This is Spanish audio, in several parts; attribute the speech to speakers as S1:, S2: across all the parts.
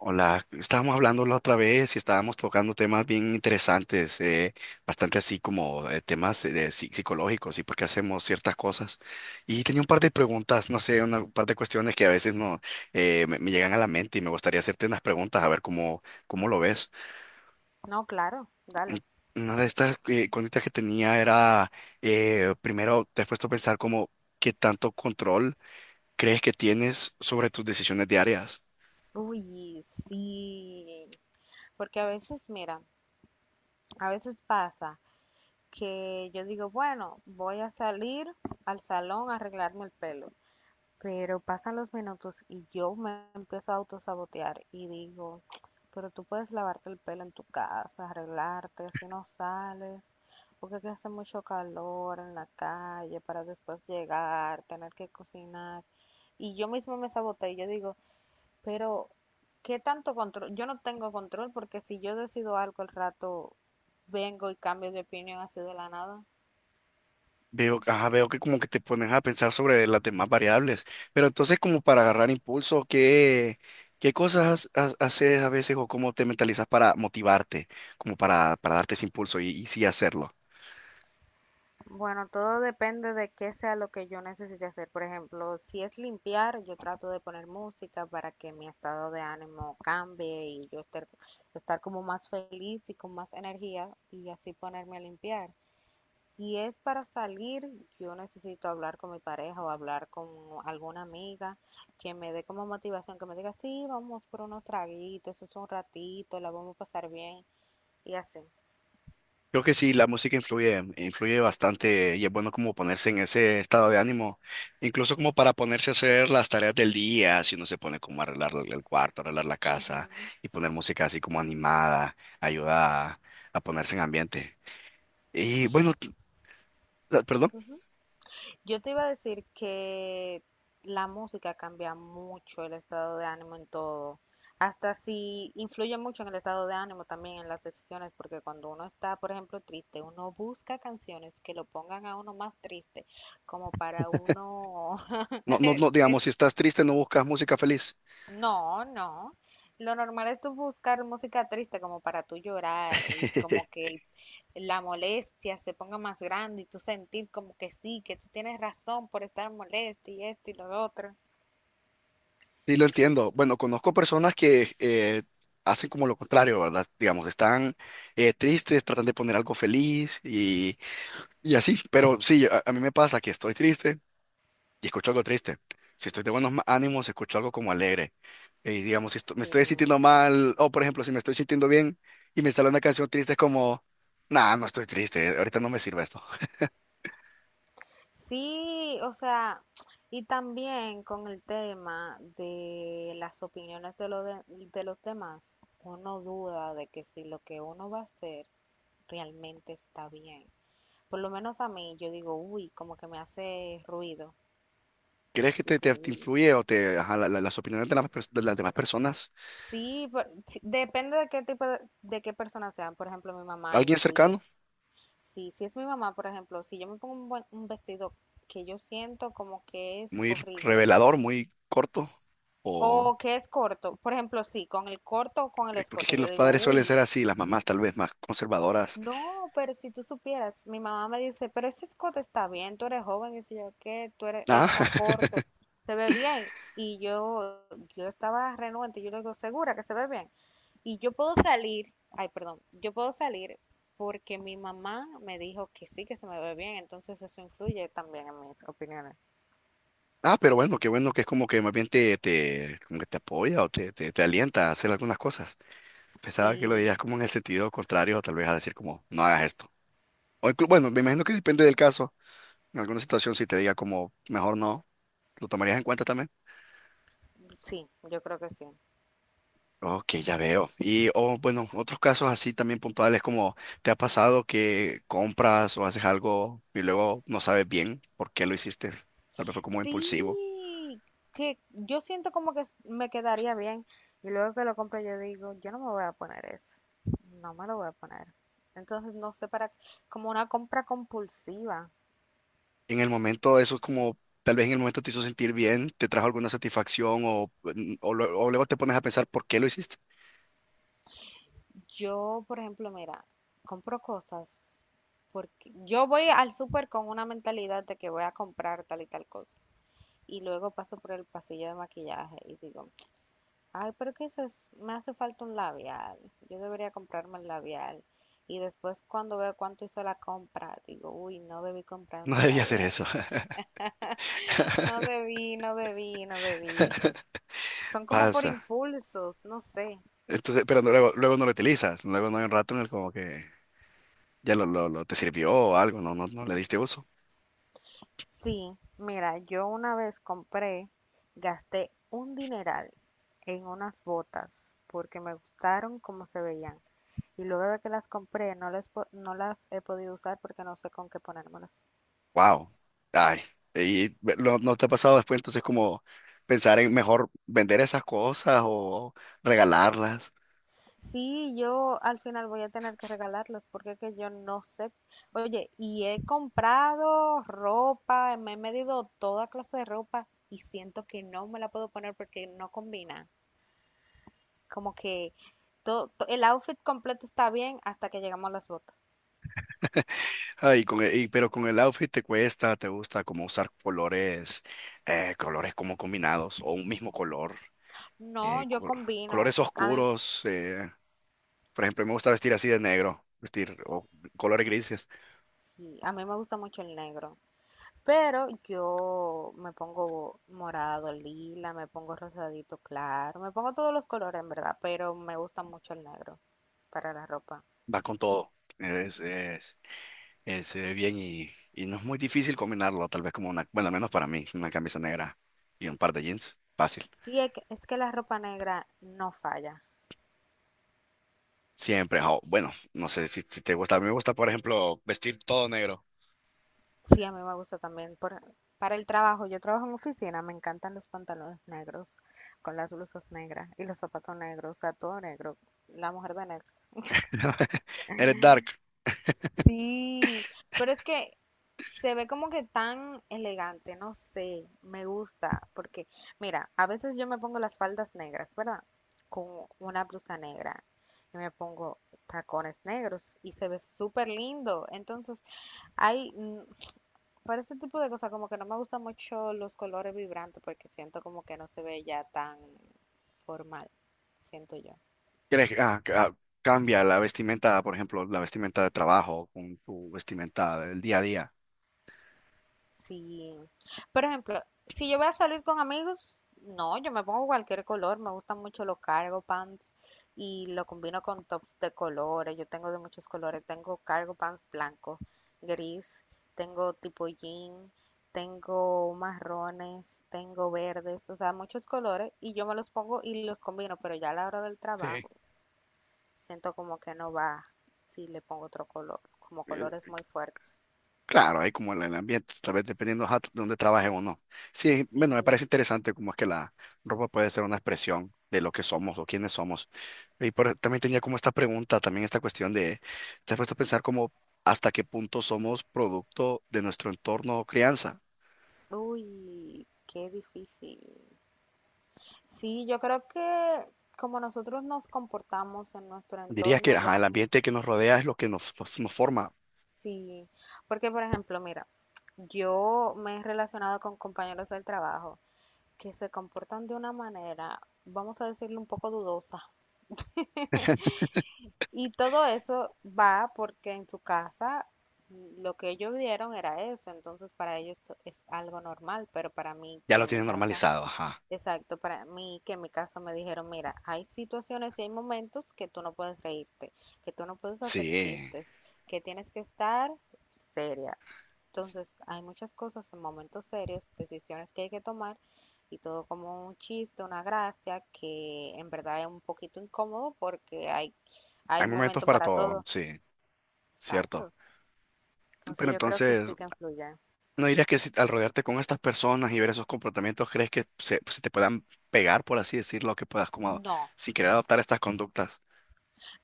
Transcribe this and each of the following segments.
S1: Hola, estábamos hablando la otra vez y estábamos tocando temas bien interesantes, bastante así como temas de psicológicos y por qué hacemos ciertas cosas. Y tenía un par de preguntas, no sé, un par de cuestiones que a veces no me llegan a la mente y me gustaría hacerte unas preguntas a ver cómo lo ves.
S2: No, claro,
S1: Mm,
S2: dale.
S1: una de estas cuentas que tenía era, primero, ¿te has puesto a pensar como qué tanto control crees que tienes sobre tus decisiones diarias?
S2: Uy, sí. Porque a veces, mira, a veces pasa que yo digo, bueno, voy a salir al salón a arreglarme el pelo. Pero pasan los minutos y yo me empiezo a autosabotear y digo, pero tú puedes lavarte el pelo en tu casa, arreglarte, si no sales, porque aquí hace mucho calor en la calle para después llegar, tener que cocinar. Y yo mismo me saboteé y yo digo, pero ¿qué tanto control? Yo no tengo control porque si yo decido algo, al rato vengo y cambio de opinión así de la nada.
S1: Veo, ajá, veo que como que te pones a pensar sobre las demás variables, pero entonces como para agarrar impulso, ¿qué cosas haces a veces o cómo te mentalizas para motivarte, como para darte ese impulso y sí hacerlo?
S2: Bueno, todo depende de qué sea lo que yo necesite hacer. Por ejemplo, si es limpiar, yo trato de poner música para que mi estado de ánimo cambie y yo estar, como más feliz y con más energía y así ponerme a limpiar. Si es para salir, yo necesito hablar con mi pareja o hablar con alguna amiga que me dé como motivación, que me diga, sí, vamos por unos traguitos, eso es un ratito, la vamos a pasar bien y así.
S1: Creo que sí, la música influye, influye bastante y es bueno como ponerse en ese estado de ánimo, incluso como para ponerse a hacer las tareas del día, si uno se pone como a arreglar el cuarto, arreglar la
S2: Ujú,
S1: casa y poner música así como animada, ayuda a ponerse en ambiente. Y bueno, perdón.
S2: ujú. Yo te iba a decir que la música cambia mucho el estado de ánimo en todo. Hasta si influye mucho en el estado de ánimo también en las decisiones, porque cuando uno está, por ejemplo, triste, uno busca canciones que lo pongan a uno más triste, como para uno...
S1: No, no, no, digamos, si estás triste, no buscas música feliz.
S2: No, no. Lo normal es tú buscar música triste como para tú llorar y como que la molestia se ponga más grande y tú sentir como que sí, que tú tienes razón por estar molesta y esto y lo otro.
S1: Sí, lo
S2: Sí,
S1: entiendo. Bueno, conozco personas que hacen como lo contrario, ¿verdad? Digamos, están tristes, tratan de poner algo feliz y así. Pero sí, a mí me pasa que estoy triste y escucho algo triste. Si estoy de buenos ánimos, escucho algo como alegre. Y digamos, si me
S2: sí.
S1: estoy sintiendo mal, o por ejemplo, si me estoy sintiendo bien y me sale una canción triste, es como, nah, no estoy triste, ahorita no me sirve esto.
S2: Sí, o sea, y también con el tema de las opiniones de los demás, uno duda de que si lo que uno va a hacer realmente está bien. Por lo menos a mí, yo digo, uy, como que me hace ruido.
S1: ¿Crees que
S2: Digo,
S1: te
S2: uy.
S1: influye o te, ajá, las opiniones de de las demás personas?
S2: Sí, sí, depende de qué tipo de qué persona sean. Por ejemplo, mi mamá
S1: ¿Alguien
S2: influye.
S1: cercano?
S2: Sí, si es mi mamá, por ejemplo, si yo me pongo un vestido que yo siento como que es
S1: ¿Muy
S2: horrible,
S1: revelador, muy corto? ¿O
S2: o que es corto. Por ejemplo, sí, con el corto o con el
S1: porque es
S2: escote.
S1: que
S2: Yo
S1: los
S2: digo,
S1: padres suelen ser
S2: uy,
S1: así, las mamás tal vez más conservadoras?
S2: no, pero si tú supieras, mi mamá me dice, pero ese escote está bien, tú eres joven. Y si yo, ¿qué? Tú eres,
S1: Ah,
S2: está corto, se ve bien. Y yo, yo estaba renuente, yo le digo, ¿segura que se ve bien? Y yo puedo salir, ay, perdón, yo puedo salir porque mi mamá me dijo que sí, que se me ve bien, entonces eso influye también en mis opiniones.
S1: ah, pero bueno, qué bueno que es como que más bien como que te apoya o te alienta a hacer algunas cosas. Pensaba que lo
S2: Sí,
S1: dirías como en el sentido contrario, tal vez a decir como, no hagas esto. O bueno, me imagino que depende del caso. En alguna situación, si te diga como, mejor no, ¿lo tomarías en cuenta también?
S2: sí, yo creo que sí.
S1: Ok, ya veo. Y, o bueno, otros casos así también puntuales como ¿te ha pasado que compras o haces algo y luego no sabes bien por qué lo hiciste? Tal vez fue como impulsivo.
S2: Sí, que yo siento como que me quedaría bien, y luego que lo compro yo digo, yo no me voy a poner eso, no me lo voy a poner. Entonces, no sé, para, como una compra compulsiva.
S1: En el momento, eso es como, tal vez en el momento te hizo sentir bien, te trajo alguna satisfacción o, o luego te pones a pensar por qué lo hiciste.
S2: Yo, por ejemplo, mira, compro cosas porque yo voy al súper con una mentalidad de que voy a comprar tal y tal cosa, y luego paso por el pasillo de maquillaje y digo, ay, pero que eso es, me hace falta un labial. Yo debería comprarme el labial. Y después cuando veo cuánto hizo la compra, digo, uy, no debí
S1: No
S2: comprarme el
S1: debía hacer
S2: labial.
S1: eso.
S2: No debí, no debí, no debí. Son como por
S1: Pasa.
S2: impulsos, no sé.
S1: Entonces, pero luego, luego no lo utilizas. Luego no hay un rato en el como que ya te sirvió o algo, no, no, no le diste uso.
S2: Sí, mira, yo una vez compré, gasté un dineral en unas botas porque me gustaron cómo se veían. Y luego de que las compré, no las he podido usar porque no sé con qué ponérmelas.
S1: Wow. Ay, y ¿no te ha pasado después entonces como pensar en mejor vender esas cosas o regalarlas?
S2: Sí, yo al final voy a tener que regalarlos porque es que yo no sé. Oye, y he comprado ropa, me he medido toda clase de ropa y siento que no me la puedo poner porque no combina. Como que el outfit completo está bien hasta que llegamos a las botas.
S1: Ay, con pero con el outfit te cuesta, te gusta como usar colores, colores como combinados o un mismo color,
S2: No,
S1: eh,
S2: yo
S1: col-
S2: combino.
S1: colores
S2: A mí,
S1: oscuros. Por ejemplo, me gusta vestir así de negro, vestir o colores grises,
S2: sí, a mí me gusta mucho el negro, pero yo me pongo morado, lila, me pongo rosadito claro, me pongo todos los colores en verdad, pero me gusta mucho el negro para la ropa.
S1: va con todo. Es, es- se ve bien y no es muy difícil combinarlo, tal vez como una, bueno, al menos para mí, una camisa negra y un par de jeans, fácil.
S2: Y es que la ropa negra no falla.
S1: Siempre, jo, bueno, no sé si te gusta, a mí me gusta, por ejemplo, vestir todo negro.
S2: Sí, a mí me gusta también. Por, para el trabajo, yo trabajo en oficina, me encantan los pantalones negros, con las blusas negras y los zapatos negros, o sea, todo negro. La mujer de negro.
S1: Eres dark,
S2: Sí, pero es que se ve como que tan elegante, no sé, me gusta, porque mira, a veces yo me pongo las faldas negras, ¿verdad? Con una blusa negra y me pongo tacones negros y se ve súper lindo. Entonces, hay, para este tipo de cosas, como que no me gustan mucho los colores vibrantes porque siento como que no se ve ya tan formal, siento yo.
S1: ¿quieres cambia la vestimenta, por ejemplo, la vestimenta de trabajo con tu vestimenta del día a día?
S2: Sí. Por ejemplo, si yo voy a salir con amigos, no, yo me pongo cualquier color. Me gustan mucho los cargo pants y lo combino con tops de colores. Yo tengo de muchos colores. Tengo cargo pants blanco, gris, tengo tipo jean, tengo marrones, tengo verdes, o sea, muchos colores. Y yo me los pongo y los combino, pero ya a la hora del
S1: Sí.
S2: trabajo siento como que no va si le pongo otro color, como colores muy fuertes.
S1: Claro, hay como el ambiente, tal vez dependiendo ajá, de dónde trabaje o no. Sí, bueno, me
S2: Sí.
S1: parece interesante cómo es que la ropa puede ser una expresión de lo que somos o quiénes somos. Y también tenía como esta pregunta, también esta cuestión de, ¿te has puesto a pensar como hasta qué punto somos producto de nuestro entorno o crianza?
S2: Uy, qué difícil. Sí, yo creo que como nosotros nos comportamos en nuestro
S1: Dirías que
S2: entorno
S1: ajá,
S2: va
S1: el
S2: mucho.
S1: ambiente que nos rodea es lo que nos forma.
S2: Sí, porque por ejemplo, mira, yo me he relacionado con compañeros del trabajo que se comportan de una manera, vamos a decirle, un poco dudosa. Y todo eso va porque en su casa, lo que ellos vieron era eso, entonces para ellos es algo normal, pero para mí,
S1: Ya
S2: que
S1: lo
S2: en mi
S1: tienes
S2: casa...
S1: normalizado, ajá.
S2: Exacto, para mí, que en mi caso me dijeron, mira, hay situaciones y hay momentos que tú no puedes reírte, que tú no puedes hacer
S1: Sí,
S2: chistes, que tienes que estar seria. Entonces, hay muchas cosas en momentos serios, decisiones que hay que tomar, y todo como un chiste, una gracia, que en verdad es un poquito incómodo porque hay
S1: hay momentos
S2: momento
S1: para
S2: para
S1: todo,
S2: todo.
S1: sí, cierto.
S2: Exacto. Entonces,
S1: Pero
S2: yo creo que
S1: entonces,
S2: sí que influye.
S1: ¿no dirías que si al rodearte con estas personas y ver esos comportamientos, crees que se, pues, se te puedan pegar, por así decirlo, que puedas como
S2: No,
S1: si querer adoptar estas conductas?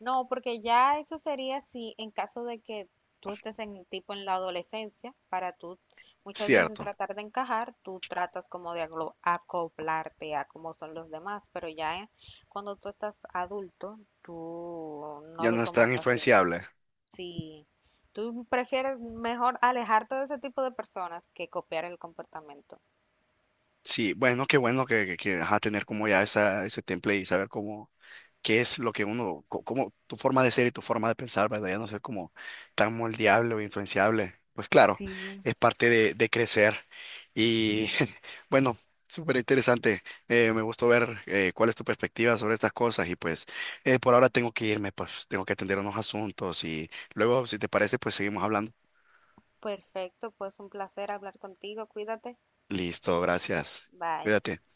S2: no, porque ya eso sería si en caso de que tú estés en tipo en la adolescencia, para tú muchas veces
S1: Cierto,
S2: tratar de encajar, tú tratas como de acoplarte a cómo son los demás, pero ya cuando tú estás adulto, tú no
S1: ya
S2: lo
S1: no es
S2: tomas
S1: tan
S2: así.
S1: influenciable.
S2: Sí, tú prefieres mejor alejarte de ese tipo de personas que copiar el comportamiento.
S1: Sí, bueno, qué bueno que, ajá, tener como ya esa, ese temple y saber cómo qué es lo que uno, cómo tu forma de ser y tu forma de pensar, ¿verdad? Ya no ser como tan moldeable o influenciable. Pues claro,
S2: Sí.
S1: es parte de crecer. Y bueno, súper interesante. Me gustó ver cuál es tu perspectiva sobre estas cosas. Y pues por ahora tengo que irme, pues tengo que atender unos asuntos. Y luego, si te parece, pues seguimos hablando.
S2: Perfecto, pues un placer hablar contigo, cuídate,
S1: Listo, gracias.
S2: bye.
S1: Cuídate.